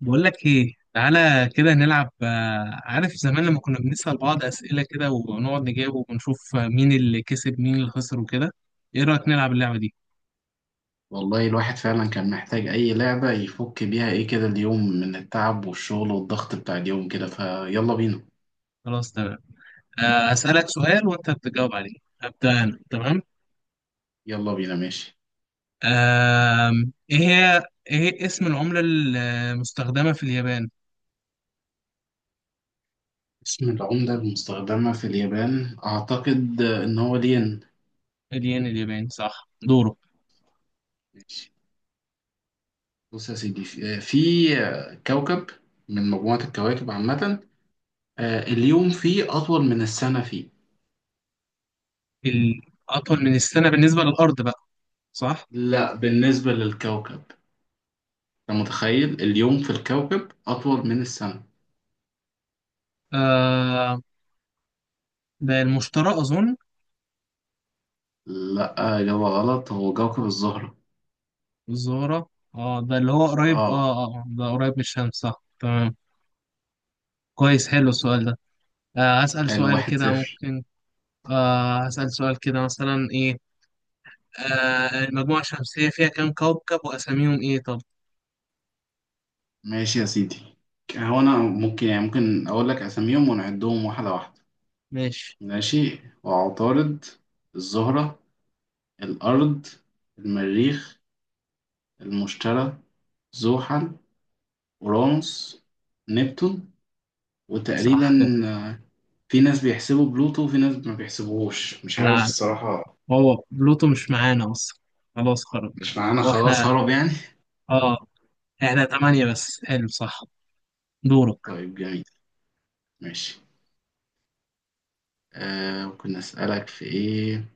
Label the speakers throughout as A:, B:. A: بقول لك ايه، تعالى كده نلعب. عارف زمان لما كنا بنسأل بعض أسئلة كده ونقعد نجاوب ونشوف مين اللي كسب مين اللي خسر وكده. ايه رأيك نلعب اللعبة دي؟
B: والله الواحد فعلا كان محتاج أي لعبة يفك بيها إيه كده اليوم من التعب والشغل والضغط بتاع اليوم كده، فيلا بينا.
A: خلاص تمام. أسألك سؤال وانت بتجاوب عليه. هبدأ انا تمام.
B: يلا بينا، ماشي.
A: ايه هي، ايه هي اسم العملة المستخدمة في اليابان؟
B: اسم العملة المستخدمة في اليابان، أعتقد إن هو الين.
A: الين الياباني، صح. دوره.
B: ماشي. بص يا سيدي، في كوكب من مجموعة الكواكب عامة. اليوم فيه أطول من السنة فيه.
A: الأطول من السنة بالنسبة للأرض بقى؟ صح.
B: لا، بالنسبة للكوكب. أنت متخيل اليوم في الكوكب أطول من السنة؟
A: آه، ده المشترى أظن.
B: لا، إجابة غلط، هو كوكب الزهرة.
A: الزهرة؟ اه ده اللي هو قريب، اه.
B: اه،
A: اه، ده قريب من الشمس، صح تمام. كويس، حلو السؤال ده. آه هسأل
B: حلو،
A: سؤال
B: واحد
A: كده
B: صفر.
A: ممكن. آه هسأل سؤال كده، مثلا ايه. آه المجموعة الشمسية فيها كام كوكب وأساميهم ايه؟ طب
B: ماشي يا سيدي. هو أنا ممكن، يعني ممكن أقول لك أساميهم ونعدهم واحدة واحدة.
A: ماشي.
B: ماشي، وعطارد، الزهرة، الأرض، المريخ، المشتري، زحل، أورانوس، نبتون، وتقريبا
A: صح كده.
B: في ناس بيحسبوا بلوتو وفي ناس ما بيحسبوهوش، مش عارف
A: لا،
B: الصراحة.
A: هو بلوتو مش معانا أصلا، خلاص خرج.
B: مش معانا
A: هو
B: خلاص،
A: احنا
B: هرب يعني.
A: اه احنا تمانية بس، حلو صح. دورك.
B: طيب جميل. ماشي. ممكن أسألك في إيه.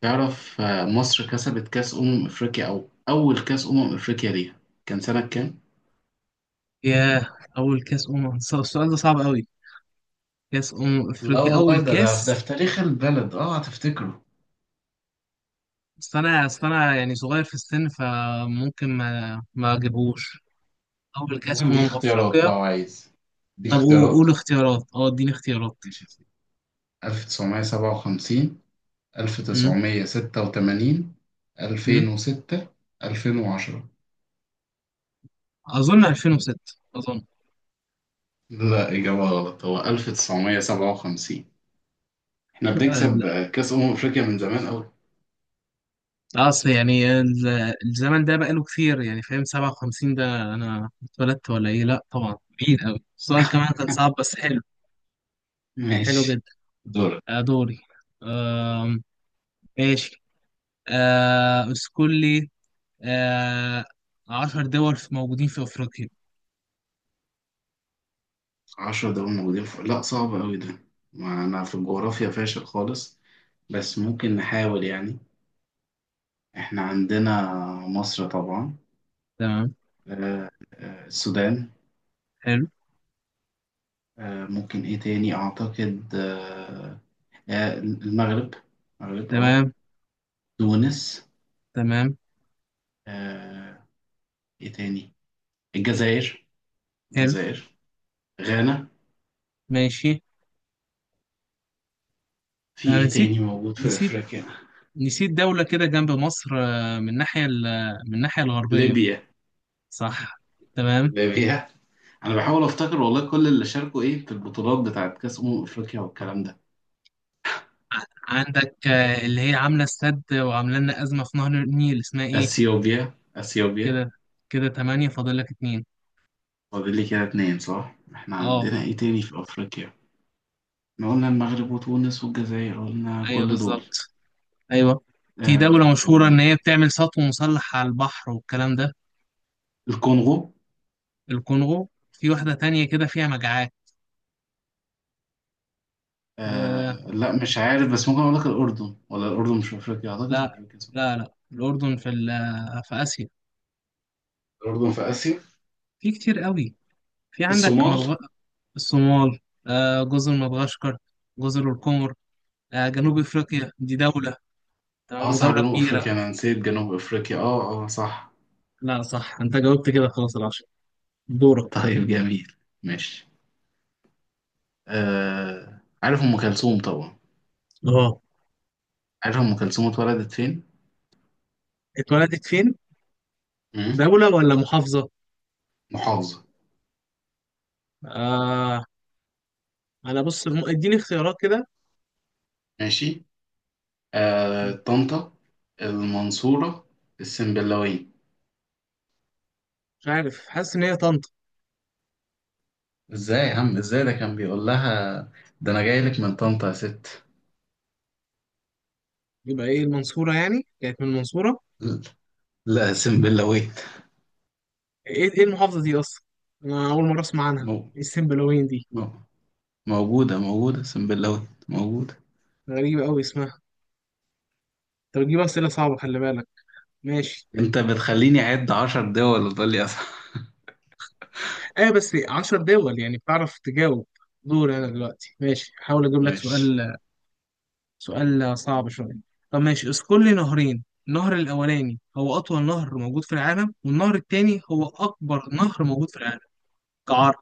B: تعرف، مصر كسبت كأس أمم أفريقيا، أو أول كأس أمم أفريقيا ليها كان سنة كام؟
A: ياه، أول كأس أمم، السؤال ده صعب أوي. كأس أمم
B: لا
A: أفريقيا أول
B: والله، ده
A: كأس.
B: في تاريخ البلد، اه هتفتكره.
A: بس انا اصل انا يعني صغير في السن فممكن ما اجيبهوش. اول كاس
B: ممكن اديك اختيارات
A: افريقيا.
B: لو عايز؟ اديك
A: طب
B: اختيارات.
A: قول اختيارات، اه اديني اختيارات.
B: ماشي يا سيدي. 1957،
A: امم.
B: 1986،
A: امم.
B: 2006، 2010.
A: اظن 2006. اظن.
B: لا، إجابة غلط، هو 1957. إحنا
A: ال-
B: بنكسب كأس أمم أفريقيا من زمان أوي.
A: اصل يعني الزمن ده بقاله كتير يعني، فاهم؟ 57 ده انا اتولدت ولا ايه؟ لا طبعا. بعيد قوي السؤال، كمان كان صعب بس حلو. حلو
B: ماشي،
A: جدا.
B: دورك.
A: دوري. آم، ماشي. اذكر لي، آه، 10 دول موجودين في افريقيا.
B: عشرة دول موجودين في... لا، صعب أوي ده. ما أنا في الجغرافيا فاشل خالص. بس ممكن نحاول يعني. إحنا عندنا مصر طبعا.
A: تمام.
B: السودان.
A: حلو.
B: ممكن إيه تاني؟ أعتقد المغرب. المغرب، أه.
A: تمام.
B: تونس.
A: تمام.
B: آه، إيه تاني؟ الجزائر،
A: حلو.
B: الجزائر. غانا.
A: ماشي.
B: في
A: أنا
B: إيه
A: نسيت،
B: تاني موجود في
A: نسيت،
B: أفريقيا؟
A: نسيت دولة كده جنب مصر من الناحية من الناحية الغربية.
B: ليبيا،
A: صح. تمام.
B: ليبيا. أنا بحاول أفتكر والله كل اللي شاركوا إيه في البطولات بتاعت كأس أمم أفريقيا والكلام ده.
A: عندك اللي هي عاملة السد وعاملة لنا أزمة في نهر النيل، اسمها إيه؟
B: اثيوبيا، اثيوبيا.
A: كده، كده تمانية فاضل لك اتنين.
B: فاضل لي كده اتنين، صح. احنا
A: أه.
B: عندنا ايه تاني في افريقيا؟ احنا قلنا المغرب وتونس والجزائر، قلنا
A: أيوه
B: كل دول.
A: بالظبط. أيوه. في
B: آه
A: دولة مشهورة إن
B: وال-
A: هي بتعمل سطو مسلح على البحر والكلام ده.
B: الكونغو.
A: الكونغو. في واحدة تانية كده فيها مجاعات. آه
B: لا، مش عارف، بس ممكن اقول لك الاردن، ولا الاردن مش في افريقيا؟ اعتقد في
A: لا.
B: افريقيا، صح.
A: لا لا، الأردن في في آسيا.
B: الاردن في اسيا.
A: في كتير قوي. في عندك
B: الصومال.
A: مدغ... الصومال. آه جزر مدغشقر، جزر القمر. آه جنوب افريقيا دي دولة
B: اه
A: تمام،
B: صح،
A: ودولة
B: جنوب
A: كبيرة.
B: افريقيا، انا نسيت جنوب افريقيا، اه اه صح.
A: لا صح، انت جاوبت كده خلاص العشرة. دورك.
B: طيب جميل، ماشي. عارف ام كلثوم طبعا.
A: اه،
B: عارف ام كلثوم اتولدت فين؟
A: اتولدت فين؟
B: مم.
A: دولة ولا محافظة؟
B: محافظة.
A: آه انا بص، اديني اختيارات كده.
B: ماشي. طنطا، المنصورة، السنبلاوية.
A: مش عارف، حاسس ان هي طنطا.
B: ازاي يا عم، ازاي؟ ده كان بيقول لها: ده انا جاي لك من طنطا يا ست.
A: يبقى ايه، المنصورة يعني كانت من المنصورة؟
B: لا، سنبلاوية.
A: ايه ايه المحافظة دي اصلا؟ انا اول مرة اسمع عنها.
B: مو...
A: ايه السنبلاوين دي؟
B: مو... موجودة، موجودة، سنبلاوية موجودة.
A: غريبة قوي اسمها. انت بتجيب اسئلة صعبة خلي بالك. ماشي.
B: انت بتخليني اعد عشر دول وتقول لي أصح.
A: ايوه بس 10 دول يعني بتعرف تجاوب. دور انا دلوقتي. ماشي هحاول اجيب لك
B: ماشي.
A: سؤال. سؤال صعب شويه. طب ماشي، اذكر لي نهرين، النهر الاولاني هو اطول نهر موجود في العالم، والنهر التاني هو اكبر نهر موجود في العالم كعرض.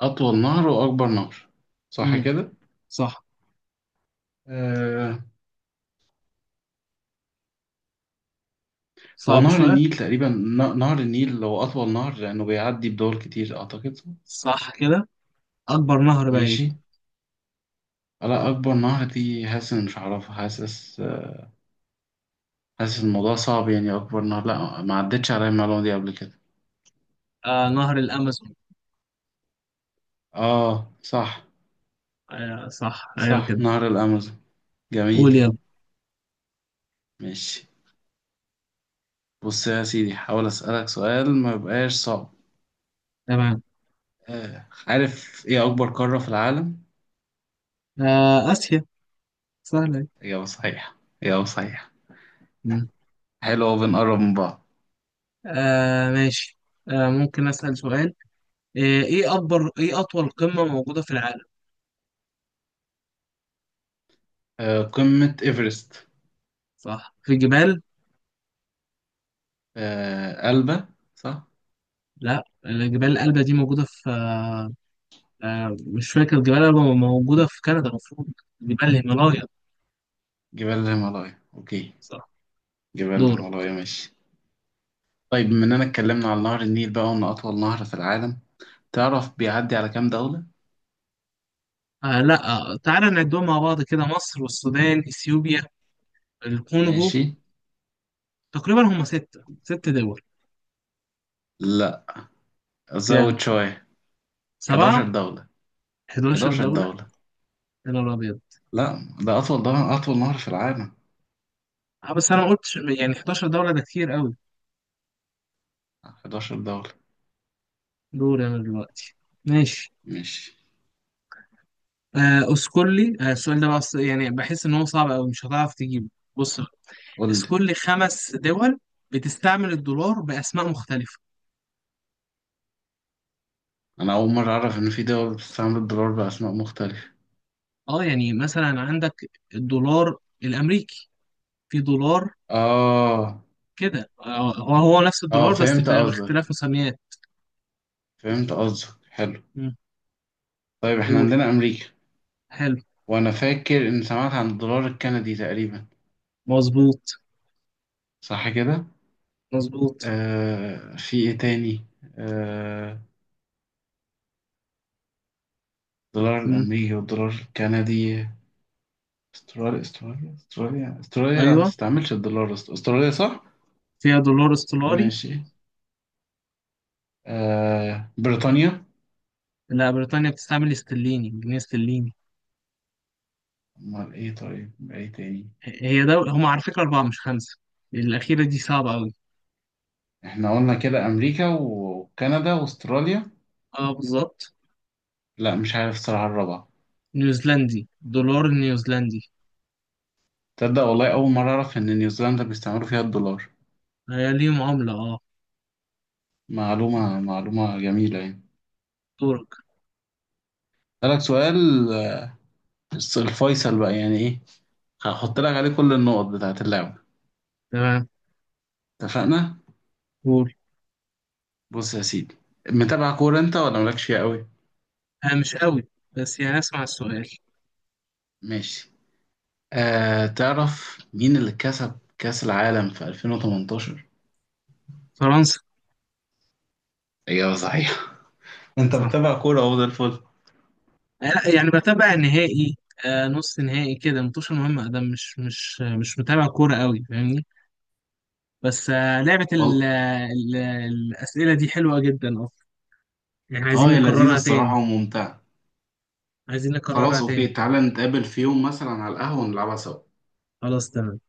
B: اطول نهر واكبر نهر، صح
A: امم.
B: كده.
A: صح.
B: آه... هو
A: صعب
B: نهر
A: شويه.
B: النيل تقريبا، نهر النيل هو اطول نهر لانه بيعدي بدول كتير اعتقد.
A: صح كده. اكبر نهر بقى ايه؟
B: ماشي. لا، اكبر نهر دي، حاسس إن مش هعرفها، حاسس. حاسس الموضوع صعب يعني، اكبر نهر، لا ما عدتش عليا المعلومه دي قبل كده.
A: آه نهر الامازون.
B: اه صح.
A: آه صح ايوه
B: صح،
A: كده.
B: نهر الامازون. جميل،
A: قول يلا.
B: ماشي. بص يا سيدي، حاول اسالك سؤال ما يبقاش صعب.
A: تمام.
B: عارف ايه اكبر قاره في العالم؟
A: آه اسيا. سهله أهي.
B: اجابه صحيحه، اجابه صحيحه.
A: مم.
B: حلو أوي، بنقرب من بعض.
A: آه ماشي. آه ممكن اسال سؤال. إيه أطول قمة موجودة في العالم؟
B: قمه ايفرست.
A: صح، في جبال؟
B: قلبه. صح.
A: لا الجبال الألبة دي موجودة في مش فاكر، جبال الألبة موجودة في كندا المفروض. جبال الهيمالايا.
B: جبال الهيمالايا، اوكي.
A: صح.
B: جبال
A: دورة.
B: الهيمالايا، ماشي. طيب بما اننا اتكلمنا عن نهر النيل بقى وانه اطول نهر في العالم، تعرف بيعدي على كام دولة؟
A: آه لا. تعالى نعدهم مع بعض كده، مصر والسودان، إثيوبيا، الكونغو.
B: ماشي،
A: تقريبا هم ستة، ست دول.
B: لا
A: كام؟
B: زود شوية. 11
A: سبعة؟
B: دولة،
A: 11
B: 11
A: دولة؟
B: دولة.
A: يا نهار أبيض.
B: لا، ده اطول، ده اطول نهر في العالم.
A: بس أنا ما قلتش يعني، 11 دولة ده كتير قوي.
B: 11 دولة.
A: دور أنا دلوقتي. ماشي.
B: ماشي،
A: اسكولي، السؤال ده بقى يعني بحس ان هو صعب قوي مش هتعرف تجيبه. بص.
B: قول لي.
A: اذكر لي خمس دول بتستعمل الدولار باسماء مختلفه.
B: انا اول مرة اعرف ان في دول بتستعمل الدولار باسماء مختلفة.
A: اه يعني مثلا عندك الدولار الامريكي، في دولار
B: اه
A: كده هو نفس
B: اه،
A: الدولار بس
B: فهمت قصدك،
A: باختلاف مسميات.
B: فهمت قصدك، حلو.
A: مم.
B: طيب احنا
A: قول.
B: عندنا امريكا.
A: حلو.
B: وانا فاكر ان سمعت عن الدولار الكندي تقريبا،
A: مظبوط.
B: صح كده.
A: مظبوط.
B: في ايه تاني. آه الدولار
A: مم.
B: الامريكي والدولار الكندي. استراليا، لا ما
A: ايوه،
B: تستعملش الدولار. استراليا، صح.
A: فيها دولار استولاري.
B: ماشي. بريطانيا.
A: لا، بريطانيا بتستعمل استرليني، جنيه استرليني.
B: امال ايه، طيب ايه تاني.
A: هي دول هم على فكره اربعه مش خمسه. الاخيره دي صعبه قوي.
B: احنا قلنا كده امريكا وكندا واستراليا.
A: اه بالظبط.
B: لا مش عارف الصراحه الرابعه.
A: نيوزيلندي، دولار نيوزيلندي.
B: تصدق والله، اول مره اعرف ان نيوزيلندا بيستعملوا فيها الدولار.
A: هي ليهم عملة اه.
B: معلومه جميله يعني.
A: دورك.
B: اسالك سؤال. آه، الفيصل بقى يعني ايه. هحط لك عليه كل النقط بتاعت اللعبه.
A: تمام.
B: اتفقنا.
A: قول.
B: بص يا سيدي، متابع كورة انت ولا مالكش فيها قوي؟
A: انا مش قوي بس يعني اسمع السؤال.
B: ماشي. تعرف مين اللي كسب كأس العالم في 2018؟
A: فرنسا.
B: اجابة صحيحة. انت
A: صح.
B: متابع كورة، اهو ده الفل.
A: لا يعني بتابع النهائي نص نهائي كده، متوش مهمة ده، مش متابع كورة قوي، فاهمني؟ بس آه لعبة ال
B: والله،
A: ال الأسئلة دي حلوة جدا اصلا. يعني
B: اه
A: عايزين
B: هي لذيذة
A: نكررها
B: الصراحة
A: تاني.
B: وممتعة.
A: عايزين نكررها
B: خلاص اوكي،
A: تاني.
B: تعالى نتقابل في يوم مثلا على القهوة ونلعبها سوا.
A: خلاص تمام.